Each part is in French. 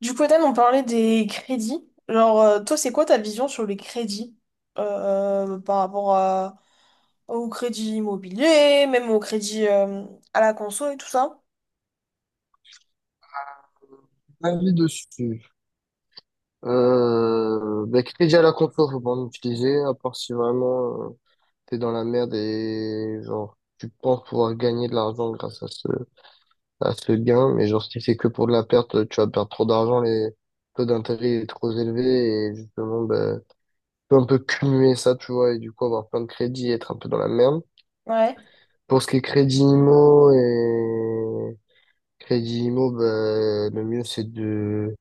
Du coup, Ethan, on parlait des crédits. Toi, c'est quoi ta vision sur les crédits par rapport au crédit immobilier, même au crédit à la conso et tout ça? Avis dessus. Bah, crédit à la confiance, faut pas en utiliser, à part si vraiment t'es dans la merde et genre tu penses pouvoir gagner de l'argent grâce à ce gain, mais genre si c'est que pour de la perte, tu vas perdre trop d'argent, les taux d'intérêt est trop élevé et justement bah, tu peux un peu cumuler ça, tu vois, et du coup avoir plein de crédits et être un peu dans la merde. Ouais. Pour ce qui est crédit IMO et crédit IMO, bah, le mieux c'est de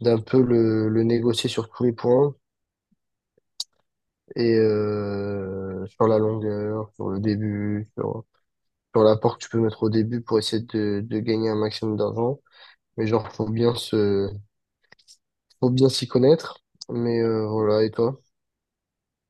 d'un peu le négocier sur tous les points. Et sur la longueur, sur le début, sur l'apport que tu peux mettre au début pour essayer de gagner un maximum d'argent. Mais genre, faut bien s'y connaître. Mais voilà, et toi,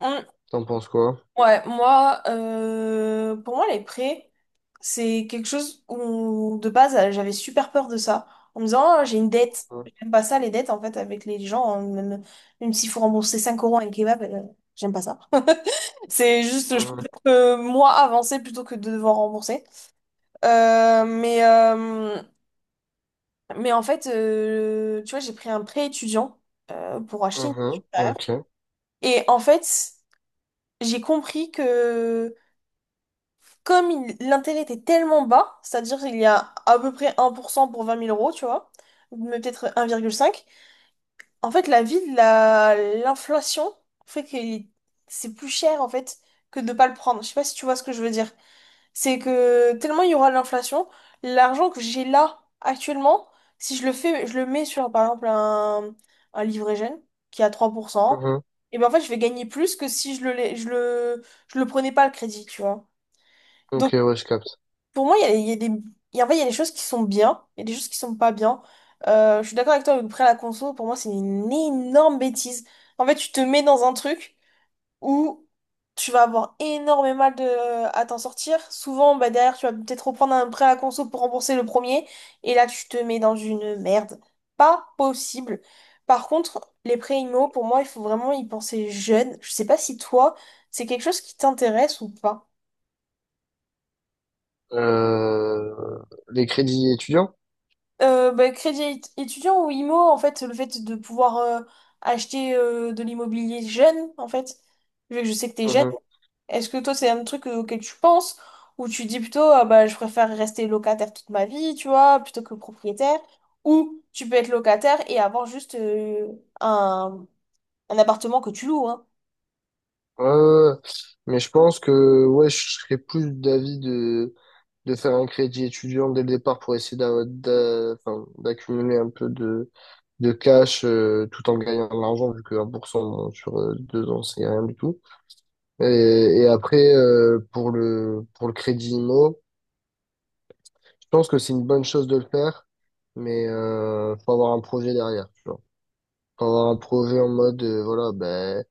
Hum. t'en penses quoi? Ouais, moi, pour moi, les prêts, c'est quelque chose où, de base, j'avais super peur de ça. En me disant, ah, j'ai une dette. J'aime pas ça, les dettes, en fait, avec les gens, hein, même s'il faut rembourser 5 euros à un kebab, j'aime pas ça. C'est juste, je Mhm, préfère que moi avancer plutôt que de devoir rembourser. Euh, mais, euh, mais en fait, tu vois, j'ai pris un prêt étudiant pour acheter une mhm, voiture derrière. ok, Et en fait, j'ai compris que l'intérêt était tellement bas, c'est-à-dire qu'il y a à peu près 1% pour 20 000 euros, tu vois, mais peut-être 1,5. En fait, l'inflation fait que c'est plus cher, en fait, que de pas le prendre. Je sais pas si tu vois ce que je veux dire. C'est que tellement il y aura de l'inflation, l'argent que j'ai là actuellement, si je le fais, je le mets sur par exemple un livret jeune qui est à 3%, mhm, et ben en fait je vais gagner plus que si je le prenais pas le crédit, tu vois. ok, Donc ouais, je capte. pour moi, il y a des, il y a- en fait, il y a des choses qui sont bien, il y a des choses qui sont pas bien. Je suis d'accord avec toi, le prêt à la conso, pour moi, c'est une énorme bêtise. En fait, tu te mets dans un truc où tu vas avoir énormément mal de à t'en sortir. Souvent, bah, derrière, tu vas peut-être reprendre un prêt à conso pour rembourser le premier, et là, tu te mets dans une merde. Pas possible. Par contre, les prêts IMO, pour moi, il faut vraiment y penser jeune. Je sais pas si toi, c'est quelque chose qui t'intéresse ou pas. Euh, les crédits étudiants? Bah, étudiant ou IMO, en fait, le fait de pouvoir acheter de l'immobilier jeune, en fait, vu que je sais que t'es jeune. Mhm. Est-ce que toi, c'est un truc auquel tu penses, ou tu dis plutôt, ah bah, je préfère rester locataire toute ma vie, tu vois, plutôt que propriétaire, ou tu peux être locataire et avoir juste un, un appartement que tu loues, hein. Ouais, ouais, ouais. Mais je pense que ouais, je serais plus d'avis de faire un crédit étudiant dès le départ pour essayer enfin, d'accumuler un peu de cash tout en gagnant de l'argent, vu que 1% sur 2 ans, c'est rien du tout. Et, et après, pour le, crédit IMO, je pense que c'est une bonne chose de le faire, mais faut avoir un projet derrière, tu vois. Faut avoir un projet en mode, voilà, ben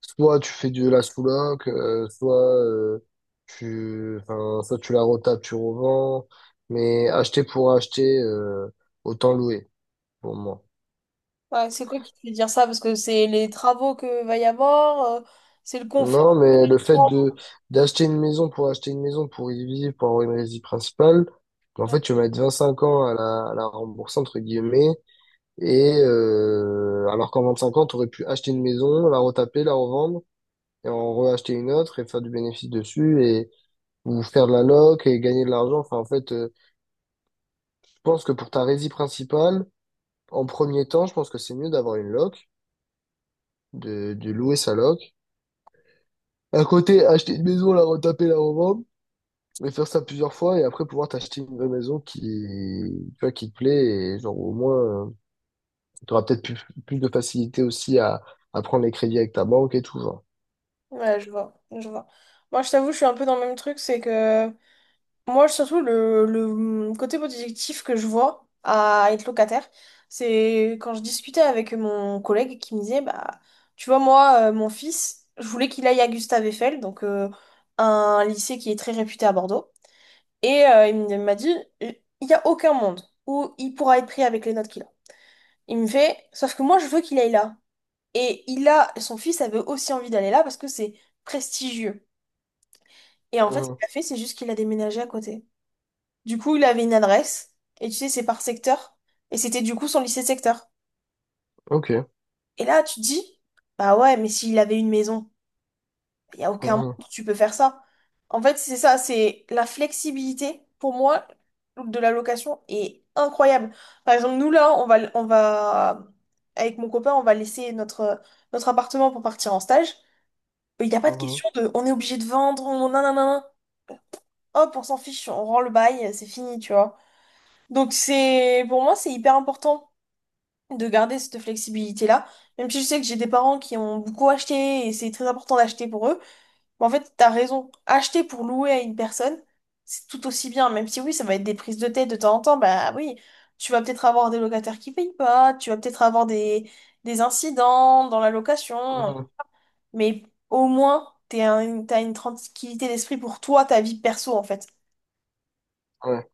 soit tu fais de la sous-loc, enfin, soit tu la retapes, tu revends. Mais acheter pour acheter, autant louer, pour moi. Ouais, c'est quoi qui te fait dire ça? Parce que c'est les travaux que va y avoir, c'est le Non, confort. mais le fait de d'acheter une maison pour acheter une maison, pour y vivre, pour avoir une résidence principale, en fait, tu vas mettre 5 ans à la rembourser, entre guillemets. Et alors qu'en 25 ans, tu aurais pu acheter une maison, la retaper, la revendre, et en reacheter une autre et faire du bénéfice dessus. Ou faire de la loc et gagner de l'argent. Enfin, en fait, je pense que pour ta résie principale, en premier temps, je pense que c'est mieux d'avoir une loc, de louer sa loc. À côté, acheter une maison, la retaper, la revendre, et faire ça plusieurs fois, et après pouvoir t'acheter une vraie maison qui, tu vois, qui te plaît, et genre au moins, tu auras peut-être plus, de facilité aussi à prendre les crédits avec ta banque et tout, genre. Ouais, je vois, je vois. Moi, je t'avoue, je suis un peu dans le même truc, c'est que moi, surtout, côté positif que je vois à être locataire, c'est quand je discutais avec mon collègue qui me disait, bah, tu vois, moi, mon fils, je voulais qu'il aille à Gustave Eiffel, donc un lycée qui est très réputé à Bordeaux, et il m'a dit, il n'y a aucun monde où il pourra être pris avec les notes qu'il a. Il me fait, sauf que moi, je veux qu'il aille là. Et il a, son fils avait aussi envie d'aller là parce que c'est prestigieux. Et en fait, ce Mhm. qu'il a fait, c'est juste qu'il a déménagé à côté. Du coup, il avait une adresse, et tu sais, c'est par secteur, et c'était du coup son lycée de secteur. Ok. Et là, tu te dis, bah ouais, mais s'il avait une maison, il n'y a aucun monde Mhm. où tu peux faire ça. En fait, c'est ça, c'est la flexibilité, pour moi, de la location est incroyable. Par exemple, nous, là, avec mon copain, on va laisser notre appartement pour partir en stage. Il n'y a pas de Mhm. question de, on est obligé de vendre, on, nanana, hop, on s'en fiche, on rend le bail, c'est fini, tu vois. Donc c'est pour moi c'est hyper important de garder cette flexibilité-là. Même si je sais que j'ai des parents qui ont beaucoup acheté et c'est très important d'acheter pour eux. Mais en fait, t'as raison. Acheter pour louer à une personne, c'est tout aussi bien. Même si oui, ça va être des prises de tête de temps en temps, bah oui, tu vas peut-être avoir des locataires qui payent pas, tu vas peut-être avoir des incidents dans la location, Mhm. mais au moins t'es un- t'as une tranquillité d'esprit pour toi, ta vie perso en fait. Ouais.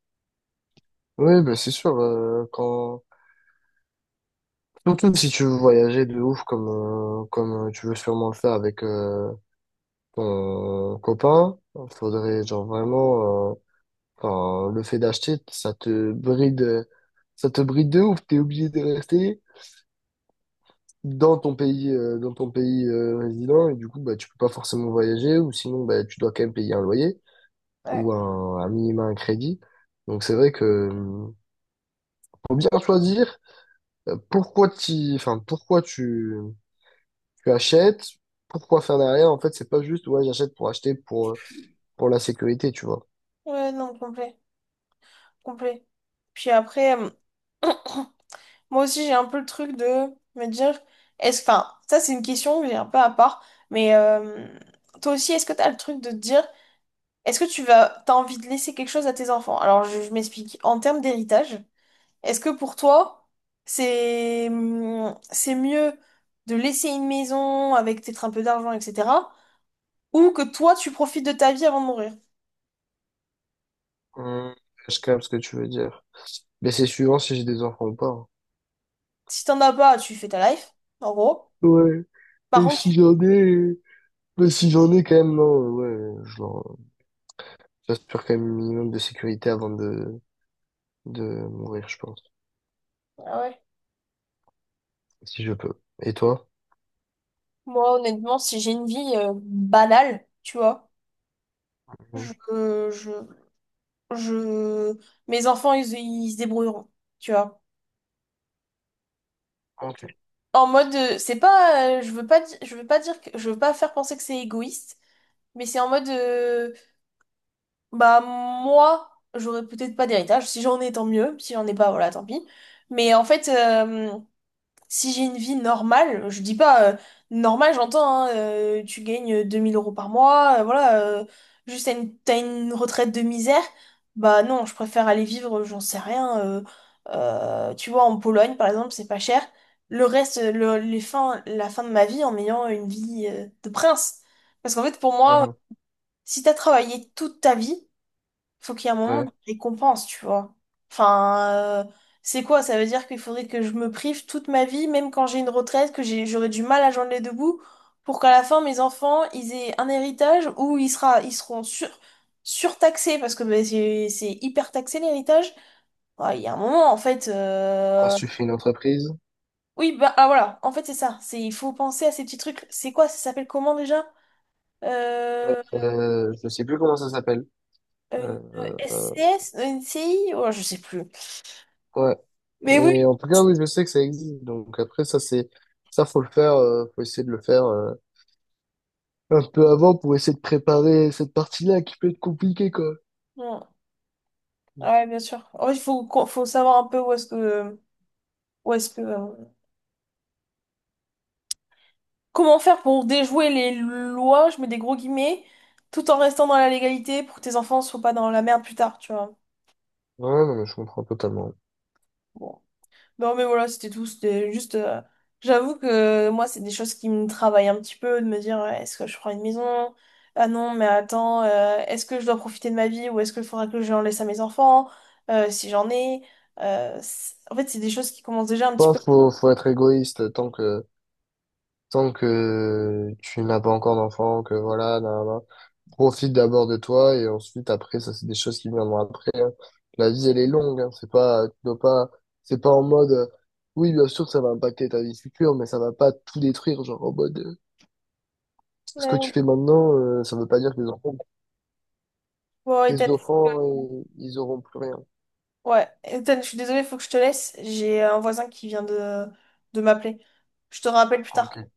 Oui, bah c'est sûr, surtout si tu veux voyager de ouf comme tu veux sûrement le faire avec ton copain, faudrait genre vraiment, enfin, le fait d'acheter, ça te bride de ouf, t'es obligé de rester dans ton pays résident, et du coup, bah, tu peux pas forcément voyager, ou sinon, bah, tu dois quand même payer un loyer, Ouais, ou un minima un crédit. Donc c'est vrai que faut bien choisir enfin, pourquoi tu achètes. Pourquoi faire derrière? En fait, c'est pas juste, ouais, j'achète pour acheter pour la sécurité, tu vois. ouais, non, complet, complet. Puis après. Moi aussi, j'ai un peu le truc de me dire, enfin, ça c'est une question que j'ai un peu à part, mais toi aussi, est-ce que t'as le truc de te dire, est-ce que tu vas, t'as envie de laisser quelque chose à tes enfants? Alors, je m'explique. En termes d'héritage, est-ce que pour toi, c'est mieux de laisser une maison avec peut-être un peu d'argent, etc., ou que toi, tu profites de ta vie avant de mourir? Hum, je capte ce que tu veux dire. Mais c'est suivant si j'ai des enfants ou pas, hein. Si t'en as pas, tu fais ta life, en gros. Ouais. Par Et contre, si- si j'en ai, bah, si j'en ai quand même, non, ouais, j'assure quand même un minimum de sécurité avant de mourir, je pense. ah ouais. Si je peux. Et toi? Moi, honnêtement, si j'ai une vie banale, tu vois. Mhm. je, je, je- Mes enfants, ils se débrouilleront, tu vois. Ok. En mode, c'est pas, je veux pas, di- je veux pas dire que, je veux pas faire penser que c'est égoïste, mais c'est en mode, bah, moi, j'aurais peut-être pas d'héritage. Si j'en ai, tant mieux. Si j'en ai pas, voilà, tant pis. Mais en fait, euh, Si j'ai une vie normale, je dis pas normale, j'entends, hein, tu gagnes 2000 euros par mois, voilà, juste t'as une retraite de misère, bah non, je préfère aller vivre, j'en sais rien, tu vois, en Pologne par exemple, c'est pas cher. Le reste, le, les fins, la fin de ma vie en ayant une vie de prince. Parce qu'en fait, pour moi, Mhm. si t'as travaillé toute ta vie, faut qu'il y ait un moment de Ouais. récompense, tu vois. Enfin, euh, c'est quoi? Ça veut dire qu'il faudrait que je me prive toute ma vie, même quand j'ai une retraite, j'aurai du mal à joindre les deux bouts, pour qu'à la fin, mes enfants, ils aient un héritage ils seront surtaxés, parce que bah, c'est hyper taxé l'héritage. Ouais, il y a un moment, en fait. Parce que tu fais une entreprise. Oui, voilà, en fait, c'est ça. C'est, il faut penser à ces petits trucs. C'est quoi? Ça s'appelle comment déjà? Euh, Je sais plus comment ça s'appelle. une Euh, euh, SCS? Une CI? Oh, je sais plus. ouais. Mais oui. Mais en tout cas, oui, je sais que ça existe. Donc après, faut le faire, faut essayer de le faire, un peu avant pour essayer de préparer cette partie-là qui peut être compliquée, quoi. Ouais, bien sûr. Ouais, faut savoir un peu où est-ce que, comment faire pour déjouer les lois, je mets des gros guillemets, tout en restant dans la légalité pour que tes enfants soient pas dans la merde plus tard, tu vois. Ouais, non, mais je comprends totalement. Bon. Non, mais voilà, c'était tout. C'était juste. J'avoue que moi, c'est des choses qui me travaillent un petit peu, de me dire, ouais, est-ce que je prends une maison? Ah non, mais attends, est-ce que je dois profiter de ma vie ou est-ce qu'il faudra que j'en laisse à mes enfants, si j'en ai? En fait, c'est des choses qui commencent déjà un Je petit pense peu. qu'il faut être égoïste tant que tu n'as pas encore d'enfant, que voilà, nan, nan, nan. Profite d'abord de toi et ensuite après, ça c'est des choses qui viendront après, hein. La vie elle est longue, hein. C'est pas, tu dois pas, c'est pas en mode, oui bien sûr ça va impacter ta vie future, mais ça va pas tout détruire, genre en mode, ce que tu Ouais, fais maintenant, ça veut pas dire que tes enfants, bon, et tes t'as- enfants, ils auront plus rien. Ouais, Ethan, je suis désolée, faut que je te laisse. J'ai un voisin qui vient de m'appeler. Je te rappelle plus tard. Ok.